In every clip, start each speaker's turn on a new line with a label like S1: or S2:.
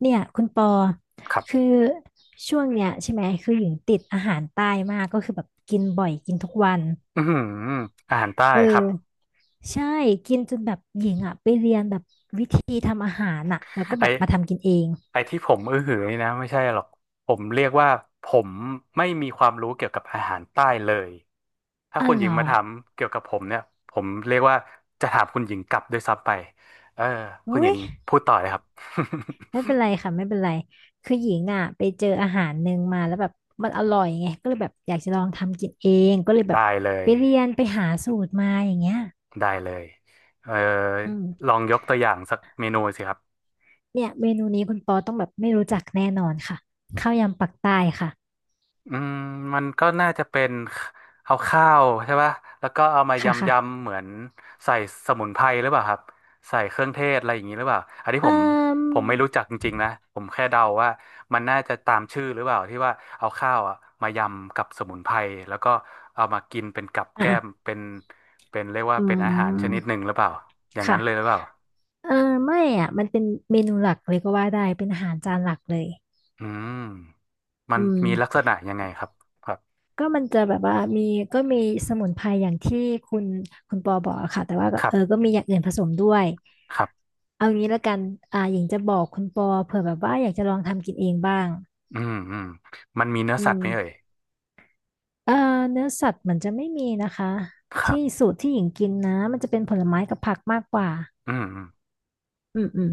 S1: เนี่ยคุณปอ
S2: ครับ
S1: คือช่วงเนี้ยใช่ไหมคือหญิงติดอาหารใต้มากก็คือแบบกินบ่อยกินทุกวัน
S2: อือหืออาหารใต้
S1: เออ
S2: ครับ
S1: ใช่กินจนแบบหญิงอ่ะไปเรียนแบบวิธีทำอาหารอ่ะแล้วก็
S2: ไอ
S1: แบบมาทำกินเอง
S2: ไอที่ผมอื้อหือนี่นะไม่ใช่หรอกผมเรียกว่าผมไม่มีความรู้เกี่ยวกับอาหารใต้เลยถ้า
S1: อ๋อ
S2: คุณ
S1: เห
S2: ห
S1: ร
S2: ญิง
S1: อ
S2: มาถามเกี่ยวกับผมเนี่ยผมเรียกว่าจะถามคุณหญิงกลับด้วยซ้ำไปเออคุณห
S1: อุ้
S2: ญิ
S1: ย
S2: งพูดต่อเลยครับ
S1: ไม่เป็นไรค่ะไม่เป็นไรคือหญิงอ่ะไปเจออาหารหนึ่งมาแล้วแบบมันอร่อยไงก็เลยแบบอยากจะลองทำกินเองก็เลย แบบ
S2: ได้เลย
S1: ไปเรียนไปหาสูตรมาอย่างเงี้ย
S2: ได้เลยเออ
S1: อื
S2: ล
S1: ม
S2: องยกตัวอย่างสักเมนูสิครับ
S1: เนี่ยเมนูนี้คุณปอต้องแบบไม่รู้จักแน่นอนค่ะข้าวยำปักใต้ค่ะ
S2: อืมมันก็น่าจะเป็นเอาข้าวใช่ป่ะแล้วก็เอามา
S1: ค่ะ
S2: ยำ
S1: ค่ะ
S2: ยำเหมือนใส่สมุนไพรหรือเปล่าครับใส่เครื่องเทศอะไรอย่างนี้หรือเปล่าอันนี้ผ
S1: เอ่
S2: ม
S1: ม
S2: ผมไม่รู้จักจริงๆนะผมแค่เดาว่ามันน่าจะตามชื่อหรือเปล่าที่ว่าเอาข้าวอะมายำกับสมุนไพรแล้วก็เอามากินเป็นกับ
S1: อ่ะ
S2: แก้ม
S1: อ่ะ
S2: เป็นเป็นเรียกว่า
S1: อื
S2: เป็นอาหารชนิดหนึ่
S1: ม
S2: งหรือเปล่าอย่างนั้
S1: ค่ะ
S2: นเลยหรือเปล่า
S1: เออไม่อ่ะมันเป็นเมนูหลักเลยก็ว่าได้เป็นอาหารจานหลักเลย
S2: อืมมัน
S1: อื
S2: มีลักษ
S1: ม
S2: ณะยังไงครับครับ
S1: ก็มันจะแบบว่ามีก็มีสมุนไพรอย่างที่คุณคุณปอบอกอะค่ะแต่ว่าก็
S2: ครั
S1: เอ
S2: บ
S1: อก็มีอย่างอื่นผสมด้วย
S2: ครับ
S1: เอางี้ละกันอ่าหญิงจะบอกคุณปอเผื่อแบบว่าอยากจะลองทำกินเองบ้าง
S2: อืมอืมมันมีเนื้อ
S1: อื
S2: สัต
S1: ม
S2: ว์ไหมเอ่ย
S1: เอ่อเนื้อสัตว์มันจะไม่มีนะคะ
S2: ครับ
S1: ที่สูตรที่หญิงกินนะมันจะเป็นผลไม้กับผักมากกว่า
S2: อืมอืม
S1: อืมอืม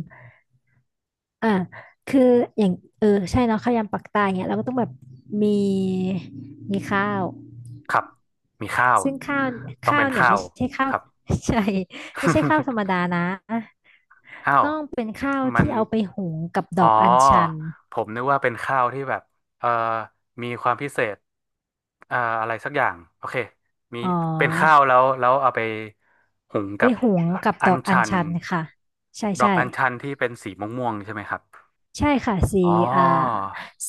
S1: อ่าคืออย่างเออใช่เนาะข้าวยำปักใตายเนี่ยเราก็ต้องแบบมีมีข้าว
S2: ครับ มีข้าว
S1: ซึ่งข้าว
S2: ต้อง
S1: ข้า
S2: เป็
S1: ว
S2: น
S1: เนี่ย
S2: ข้า
S1: ไม่
S2: ว
S1: ใช่ข้า
S2: ค
S1: ว
S2: รับ
S1: ใช่ไม่ใช่ข้าวธรรมดา นะ
S2: อ้าว
S1: ต้องเป็นข้าว
S2: มัน
S1: ที่เอาไปหุงกับด
S2: อ๋
S1: อ
S2: อ
S1: กอัญชัน
S2: ผมนึกว่าเป็นข้าวที่แบบ เอ่อมีความพิเศษอะไรสักอย่าง โอเค มี
S1: อ๋อ
S2: เป็นข้าวแล้ว แล้วเอาไปหุง
S1: ไป
S2: กับ
S1: หุงกับ
S2: อั
S1: ด
S2: ญ
S1: อกอั
S2: ชั
S1: ญ
S2: น
S1: ชันค่ะใช่
S2: ดอก
S1: ใช่
S2: อัญชันที่เป็นสีม่วงๆใช่ไหมครับ
S1: ใช่ค่ะสี
S2: อ๋อ
S1: อ่า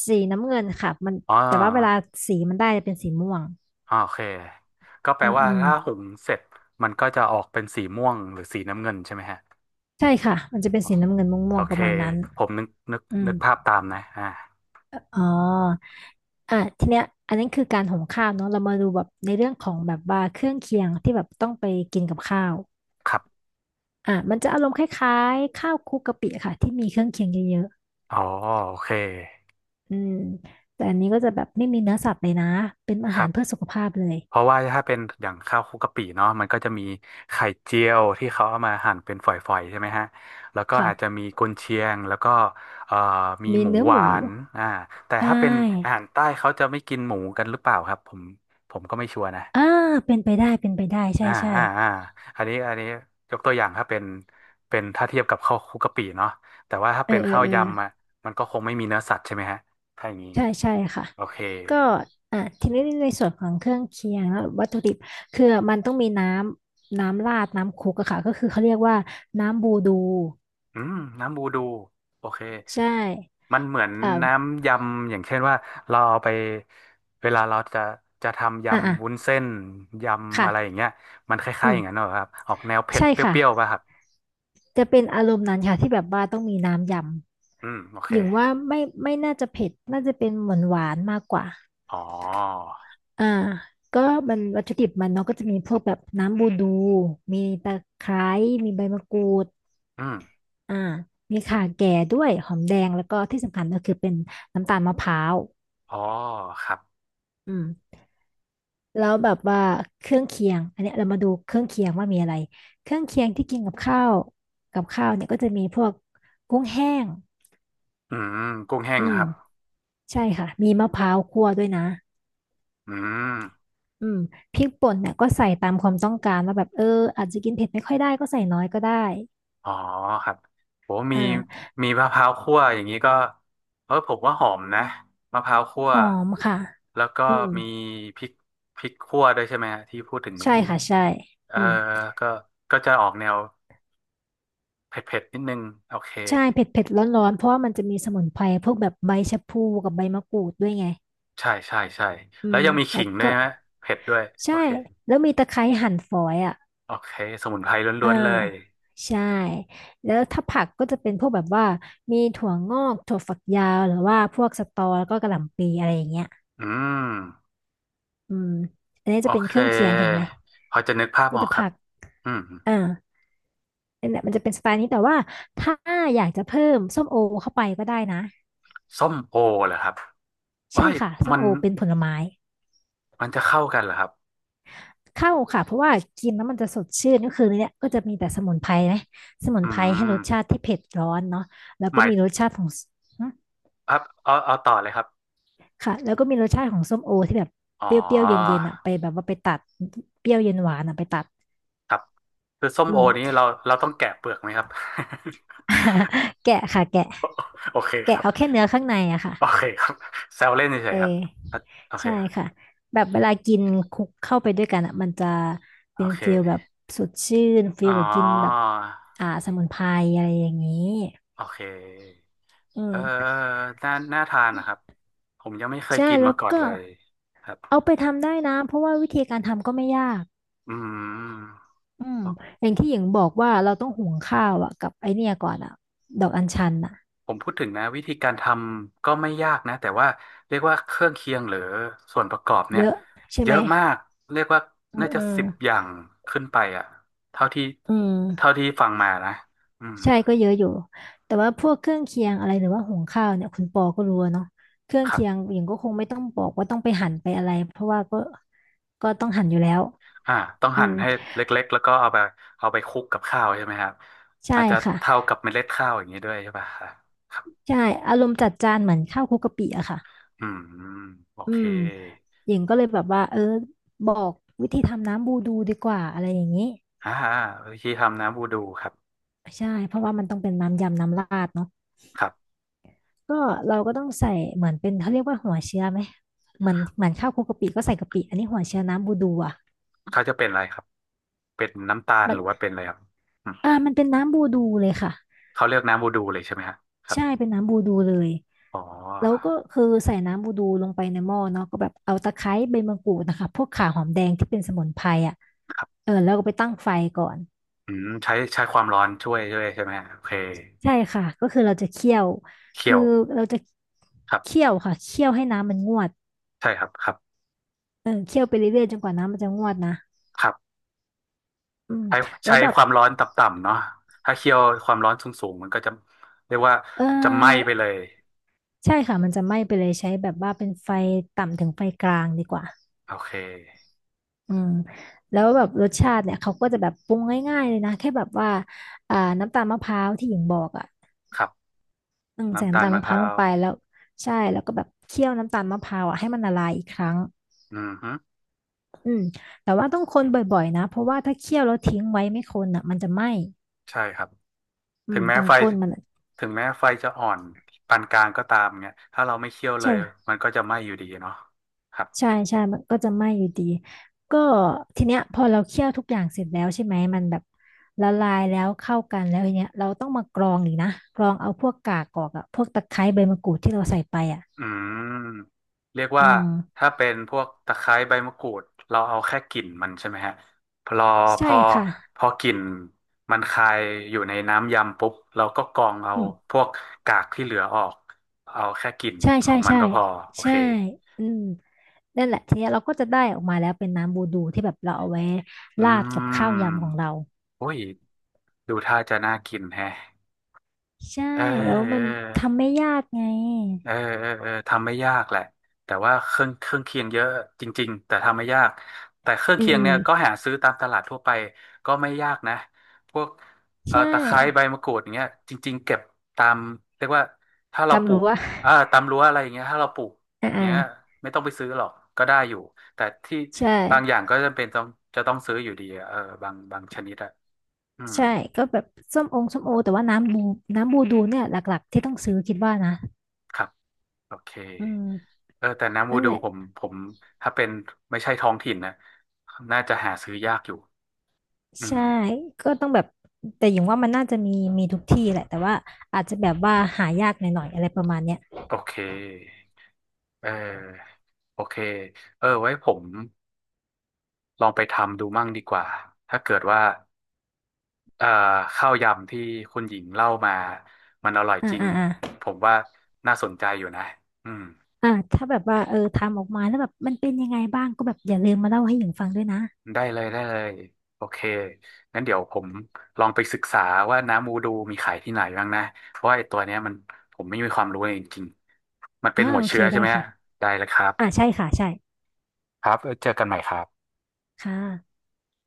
S1: สีน้ำเงินค่ะมัน
S2: อ๋
S1: แต่ว่าเวลา
S2: อ
S1: สีมันได้จะเป็นสีม่วง
S2: อ่าโอเคก็แป
S1: อื
S2: ล
S1: ม
S2: ว่า
S1: อืม
S2: ถ้าหุงเสร็จมันก็จะออกเป็นสีม่วงหรือสีน้ำเงินใช่ไหมฮะ
S1: ใช่ค่ะมันจะเป็นสีน้ำเงินม่
S2: โอ
S1: วงๆป
S2: เค
S1: ระมาณนั้น
S2: ผมนึกนึก
S1: อืม
S2: นึกภาพตามนะอ่า
S1: อ๋ออ่ะทีเนี้ยอันนั้นคือการหุงข้าวเนาะเรามาดูแบบในเรื่องของแบบว่าเครื่องเคียงที่แบบต้องไปกินกับข้าว
S2: ครับ
S1: อ่ะมันจะอารมณ์คล้ายๆข้าวคลุกกะปิค่ะที่มีเครื่องเคียงเยอะ
S2: อ๋อโอเค
S1: ๆอืมแต่อันนี้ก็จะแบบไม่มีเนื้อสัตว์เลยนะเป็นอา
S2: ครั
S1: หาร
S2: บ
S1: เพื่อสุขภาพเลย
S2: เพราะว่าถ้าเป็นอย่างข้าวคลุกกะปิเนาะมันก็จะมีไข่เจียวที่เขาเอามาหั่นเป็นฝอยๆใช่ไหมฮะแล้วก็อาจจะ
S1: ค่ะ
S2: มีกุนเชียงแล้วก็เอ่อมี
S1: มี
S2: หมู
S1: เนื้อ
S2: ห
S1: ห
S2: วา
S1: มู
S2: นอ่าแต่
S1: ใช
S2: ถ้าเป็นอาหา
S1: ่
S2: รใต้เขาจะไม่กินหมูกันหรือเปล่าครับผมผมก็ไม่ชัวร์นะ
S1: อ่าเป็นไปได้เป็นไปได้ใช่
S2: อ่า
S1: ใช่
S2: อ่าอ่าอันนี้ยกตัวอย่างถ้าเป็นเป็นถ้าเทียบกับข้าวคลุกกะปิเนาะแต่ว่าถ้า
S1: เออ
S2: เป็น
S1: เออ
S2: ข้าว
S1: เออ
S2: ยำอ่ะมันก็คงไม่มีเนื้อสัตว์ใช่ไหมฮะถ้าอย่างนี้
S1: ใช่ใช่ค่ะ
S2: โอเค
S1: ก็อ่ะทีนี้ในส่วนของเครื่องเคียงแล้ววัตถุดิบคือมันต้องมีน้ำราดน้ำคลุกอะค่ะก็คือเขาเรียกว่าน้ำบูดู
S2: อืมน้ำบูดูโอเค
S1: ใช่
S2: มันเหมือน
S1: อ่า
S2: น้ำยำอย่างเช่นว่าเราเอาไปเวลาเราจะจะทำ
S1: อ่าอ่ะ
S2: ยำวุ้นเส้นยำอะไรอย่าง
S1: ค่ะ
S2: เงี้ยมันค
S1: อื
S2: ล้ายๆอย่างนั้น
S1: ม
S2: เหรอครับออกแนวเผ็ด
S1: ใช่
S2: เป
S1: ค่ะ
S2: รี้ยวๆป่ะครับ
S1: จะเป็นอารมณ์นั้นค่ะที่แบบว่าต้องมีน้ำย
S2: อืมโอ
S1: ำ
S2: เค
S1: อย่างว่าไม่น่าจะเผ็ดน่าจะเป็นหวานหวานมากกว่า
S2: อ๋อ
S1: อ่าก็มันวัตถุดิบมันเนาะก็จะมีพวกแบบน้ำบูดูมีตะไคร้มีใบมะกรูด
S2: อืม
S1: อ่ามีข่าแก่ด้วยหอมแดงแล้วก็ที่สำคัญก็คือเป็นน้ำตาลมะพร้าว
S2: อ๋อครับ
S1: อืมแล้วแบบว่าเครื่องเคียงอันเนี้ยเรามาดูเครื่องเคียงว่ามีอะไรเครื่องเคียงที่กินกับข้าวกับข้าวเนี่ยก็จะมีพวกกุ้งแห้ง
S2: อืมกุ้งแห้ง
S1: อื
S2: ค
S1: ม
S2: รับ
S1: ใช่ค่ะมีมะพร้าวคั่วด้วยนะ
S2: อืม
S1: อืมพริกป่นเนี่ยก็ใส่ตามความต้องการว่าแบบเอออาจจะกินเผ็ดไม่ค่อยได้ก็ใส่น้อยก็ได้
S2: อ๋อครับโหมี
S1: อ่า
S2: มีมะพร้าวคั่วอย่างนี้ก็เออผมว่าหอมนะมะพร้าวคั่ว
S1: หอมค่ะ
S2: แล้วก็
S1: อืม
S2: มีพริกพริกคั่วด้วยใช่ไหมฮะที่พูดถึงเมื่อ
S1: ใช่
S2: กี้
S1: ค่ะ ใช่
S2: เออ
S1: อืม
S2: ก็ก็จะออกแนวเผ็ดๆนิดนึง โอเค
S1: ใช่เผ็ดเผ็ดร้อนร้อนๆเพราะว่ามันจะมีสมุนไพรพวกแบบใบชะพลูกับใบมะกรูดด้วยไง
S2: ใช่ใช่ใช่
S1: อื
S2: แล้ว
S1: ม
S2: ยังมี
S1: แล้
S2: ขิ
S1: ว
S2: งด้ว
S1: ก็
S2: ยไหมเผ็ดด้วย โอ
S1: ใช่
S2: เค
S1: แล้วมีตะไคร้หั่นฝอยอ่ะ
S2: โอเคสมุนไพรล้
S1: อ่า
S2: วนๆเลย
S1: ใช่ แล้วถ้าผักก็จะเป็นพวกแบบว่ามีถั่วงอกถั่วฝักยาว หรือว่าพวกสตอแล้วก็กะหล่ำปีอะไรอย่างเงี้ย
S2: อืม
S1: อืมอันนี้
S2: โอ
S1: จะเป็น
S2: เค
S1: เครื่องเคียงเห็นไหม
S2: พอจะนึกภาพ
S1: มี
S2: ออก
S1: แต่
S2: ครั
S1: ผั
S2: บ
S1: ก
S2: อืม
S1: อ่าเนี่ยมันจะเป็นสไตล์นี้แต่ว่าถ้าอยากจะเพิ่มส้มโอเข้าไปก็ได้นะ
S2: ส้มโอเหรอครับเอ้
S1: ใช่
S2: ย
S1: ค่ะส้
S2: มั
S1: ม
S2: น
S1: โอเป็นผลไม้
S2: มันจะเข้ากันเหรอครับ
S1: เข้าค่ะเพราะว่ากินแล้วมันจะสดชื่นก็คือเนี่ยก็จะมีแต่สมุนไพรนะสมุน
S2: อื
S1: ไพรให้ร
S2: ม
S1: สชาติที่เผ็ดร้อนเนาะแล้ว
S2: ห
S1: ก็
S2: มาย
S1: มีรสชาติของสหึ
S2: ครับเอาเอาต่อเลยครับ
S1: ค่ะแล้วก็มีรสชาติของส้มโอที่แบบ
S2: อ๋
S1: เปร
S2: อ
S1: ี้ยวๆเย็นๆอ่ะไปแบบว่าไปตัดเปรี้ยวเย็นหวานอ่ะไปตัด
S2: ครับคือส้ม
S1: อื
S2: โอ
S1: ม
S2: นี้เราเราต้องแกะเปลือกไหมครับ
S1: แกะค่ะแกะ
S2: โอเคค
S1: แกะ
S2: รับ
S1: เอาแค่เนื้อข้างในอะค่ะ
S2: โอเคครับแซวเล่นเฉ
S1: เอ
S2: ยๆครับ
S1: อ
S2: อ่ะโอเค
S1: ใช่ค่ะแบบเวลากินคลุกเข้าไปด้วยกันอ่ะมันจะ
S2: โอ
S1: เป็น
S2: เค
S1: ฟีลแบบสดชื่นฟี
S2: อ๋อ
S1: ลแบบกินแบบอ่าสมุนไพรอะไรอย่างนี้
S2: โอเค
S1: อื
S2: เออ
S1: ม
S2: น่าน่าทานนะครับผมยังไม่เคย
S1: ใช่
S2: กิน
S1: แล้
S2: มา
S1: ว
S2: ก่อน
S1: ก็
S2: เลยครับ
S1: เอาไปทำได้นะเพราะว่าวิธีการทำก็ไม่ยาก
S2: อืม
S1: อืมอย่างที่หญิงบอกว่าเราต้องหุงข้าวอ่ะกับไอเนี่ยก่อนอ่ะดอกอัญชันอ่ะ
S2: ผมพูดถึงนะวิธีการทำก็ไม่ยากนะแต่ว่าเรียกว่าเครื่องเคียงหรือส่วนประกอบเนี่
S1: เย
S2: ย
S1: อะใช่
S2: เย
S1: ไหม
S2: อะมากเรียกว่า
S1: อืม
S2: น่า
S1: อื
S2: จะ
S1: ม
S2: สิบอย่างขึ้นไปอ่ะเท่าที่
S1: อืม
S2: เท่าที่ฟังมานะอืม
S1: ใช่ก็เยอะอยู่แต่ว่าพวกเครื่องเคียงอะไรหรือว่าหุงข้าวเนี่ยคุณปอก็รู้อะเนาะเครื่อง
S2: ครับ
S1: เคียงหญิงก็คงไม่ต้องบอกว่าต้องไปหั่นไปอะไรเพราะว่าก็ต้องหั่นอยู่แล้ว
S2: อ่าต้อง
S1: อื
S2: หั่น
S1: ม
S2: ให้เล็กๆแล้วก็เอาไปเอาไปคลุกกับข้าวใช่ไหมครับ
S1: ใช่
S2: อาจจะ
S1: ค่ะ
S2: เท่ากับเมล็ดข้าวอย่างนี้ด้วยใช่ป่ะครับครับ
S1: ใช่อารมณ์จัดจานเหมือนข้าวคลุกกะปิอะค่ะ
S2: อืมโอ
S1: อื
S2: เค
S1: มหญิงก็เลยแบบว่าเออบอกวิธีทำน้ำบูดูดีกว่าอะไรอย่างนี้
S2: อ่าวิธีทำน้ำบูดูครับ
S1: ใช่เพราะว่ามันต้องเป็นน้ำยำน้ำราดเนาะ
S2: ครับ
S1: ก็เราก็ต้องใส่เหมือนเป็นเขาเรียกว่าหัวเชื้อไหมเหมือนข้าวคลุกกะปิก็ใส่กะปิอันนี้หัวเชื้อน้ำบูดูอะ
S2: เขาจะเป็นอะไรครับเป็นน้ำตาล
S1: มั
S2: ห
S1: น
S2: รือว่าเป็นอะไรครับ
S1: มันเป็นน้ำบูดูเลยค่ะ
S2: เขาเลือกน้ำบูดูเลยใช่ไหมฮะครั
S1: ใช่
S2: บ
S1: เป็นน้ำบูดูเลย
S2: อ๋
S1: แล้วก็
S2: อ
S1: คือใส่น้ำบูดูลงไปในหม้อเนาะก็แบบเอาตะไคร้ใบมะกรูดนะคะพวกข่าหอมแดงที่เป็นสมุนไพรอ่ะ
S2: ครั
S1: เอ
S2: บ
S1: อแล้วก็ไปตั้งไฟก่อน
S2: อืมใช้ความร้อนช่วยใช่ไหมฮะโอเค
S1: ใช่ค่ะก็คือเราจะเคี่ยว
S2: เคี่
S1: คื
S2: ย
S1: อ
S2: ว
S1: เราจะ
S2: ครับ
S1: เคี่ยวค่ะเคี่ยวให้น้ำมันงวด
S2: ใช่ครับครับ
S1: เออเคี่ยวไปเรื่อยๆจนกว่าน้ำมันจะงวดนะ
S2: ครับ
S1: อืม
S2: ใช้
S1: แล้
S2: ใช้
S1: วแบบ
S2: ความร้อนต่ำๆเนาะถ้าเคี่ยวความร้อนสูงๆมันก็จะเรียกว่า
S1: เ
S2: จะไหม้
S1: อ
S2: ไป
S1: อ
S2: เลย
S1: ใช่ค่ะมันจะไหม้ไปเลยใช้แบบว่าเป็นไฟต่ำถึงไฟกลางดีกว่า
S2: โอเค
S1: อืมแล้วแบบรสชาติเนี่ยเขาก็จะแบบปรุงง่ายๆเลยนะแค่แบบว่าอ่าน้ำตาลมะพร้าวที่หญิงบอกอ่ะ
S2: ครับ
S1: อืมใส่
S2: น้ำตา
S1: น้ำ
S2: ล
S1: ตาล
S2: มะ
S1: มะ
S2: พ
S1: พร้าว
S2: ร้า
S1: ลง
S2: ว
S1: ไปแล้วใช่แล้วก็แบบเคี่ยวน้ำตาลมะพร้าวอ่ะให้มันละลายอีกครั้ง
S2: อืมฮึ
S1: อืมแต่ว่าต้องคนบ่อยๆนะเพราะว่าถ้าเคี่ยวแล้วทิ้งไว้ไม่คนอ่ะมันจะไหม้
S2: ใช่ครับ
S1: อื
S2: ถึ
S1: ม
S2: งแม้
S1: ตรง
S2: ไฟ
S1: ก้นมันอะ
S2: ถึงแม้ไฟจะอ่อนปานกลางก็ตามเนี่ยถ้าเราไม่เคี่ยวเลย
S1: ใช่
S2: มันก็จะไหม้อยู่ดีเนาะครับ
S1: ใช่ใช่ มันก็จะไหม้อยู่ดี ก็ทีเนี้ยพอเราเคี่ยวทุกอย่างเสร็จแล้วใช่ไหมมันแบบละลายแล้วเข้ากันแล้วทีเนี้ยเราต้องมากรองอีกนะกรองเอาพวกกากออกอะพวกตะไคร้ใบมะกรูดที่เราใส่ไปอะ
S2: อืมเรียก
S1: อื
S2: ว่า
S1: ม
S2: ถ้าเป็นพวกตะไคร้ใบมะกรูดเราเอาแค่กลิ่นมันใช่ไหมฮะพอพ
S1: ใช่
S2: อ
S1: ค่ะ
S2: พอกลิ่นมันคายอยู่ในน้ำยำปุ๊บเราก็กรองเอา
S1: อืม
S2: พวกกากที่เหลือออกเอาแค่กลิ่น
S1: ใช่
S2: ขอ
S1: ใช่
S2: งมัน
S1: ใช่
S2: ก็พอโอเค
S1: ใช่อืมนั่นแหละทีเนี้ยเราก็จะได้ออกมาแล้วเป็นน้ำบูดูที่แบบเราเอาไว้
S2: อื
S1: ราดกับข้าวยำของ
S2: ม
S1: เรา
S2: โอ้ยดูท่าจะน่ากินแฮะ
S1: ใช่
S2: เออ
S1: แล้ว
S2: เอ
S1: มันทำ
S2: อ
S1: ไม่ยากไง
S2: เออเออเออทำไม่ยากแหละแต่ว่าเครื่องเคียงเยอะจริงๆแต่ทำไม่ยากแต่เครื่อง
S1: อืม
S2: เคียง
S1: อืม
S2: เนี่ยก็หาซื้อตามตลาดทั่วไปก็ไม่ยากนะพวก
S1: ใช่
S2: ตะไคร้ใบมะกรูดอย่างเงี้ยจริงๆเก็บตามเรียกว่าถ้าเราป
S1: จำ
S2: ลู
S1: รู้
S2: ก
S1: ว่า
S2: ตามรั้วอะไรอย่างเงี้ยถ้าเราปลูก
S1: อ่
S2: อย่างเงี้ย
S1: า
S2: ไม่ต้องไปซื้อหรอกก็ได้อยู่แต่ที่
S1: ใช่
S2: บางอย่างก็จำเป็นต้องจะต้องซื้ออยู่ดีอะเออบางชนิดอะอืม
S1: ใช่ก็แบบส้มองส้มโอแต่ว่าน้ำบูน้ำบูดูเนี่ยหลักๆที่ต้องซื้อคิดว่านะ
S2: ครับ โอเค
S1: อืม
S2: เออแต่น้ำวู
S1: นั่น
S2: ดู
S1: แหละ
S2: ผมถ้าเป็นไม่ใช่ท้องถิ่นนะน่าจะหาซื้อยากอยู่อืม
S1: ใช่ก็ต้องแบบแต่อย่างว่ามันน่าจะมีมีทุกที่แหละแต่ว่าอาจจะแบบว่าหายากหน่อยๆอะไรประมาณเนี้ย
S2: โอเค เออ โอเค เออ ไว้ผมลองไปทำดูมั่งดีกว่า ถ้าเกิดว่าเอ่อข้าวยำที่คุณหญิงเล่ามามันอร่อย
S1: อ่า
S2: จริง
S1: อ่าอ่า
S2: ผมว่าน่าสนใจอยู่นะอืม
S1: อ่าถ้าแบบว่าเออทำออกมาแล้วแบบมันเป็นยังไงบ้างก็แบบอย่าลืมมาเล่าให้หญิงฟังด้วยนะ
S2: ได้เลยได้เลยโอเคงั้นเดี๋ยวผมลองไปศึกษาว่าน้ำมูดูมีขายที่ไหนบ้างนะเพราะว่าไอ้ตัวเนี้ยมันผมไม่มีความรู้เลยจริงๆมันเป็น
S1: อ่า
S2: หัว
S1: โอเค
S2: เชื้อใช่
S1: ได้
S2: ไหมฮะ
S1: ค่ะ
S2: ได้เลยครับ
S1: อ่าใช่ค่ะใช่
S2: ครับเจอกันใหม่ครับ
S1: ค่ะ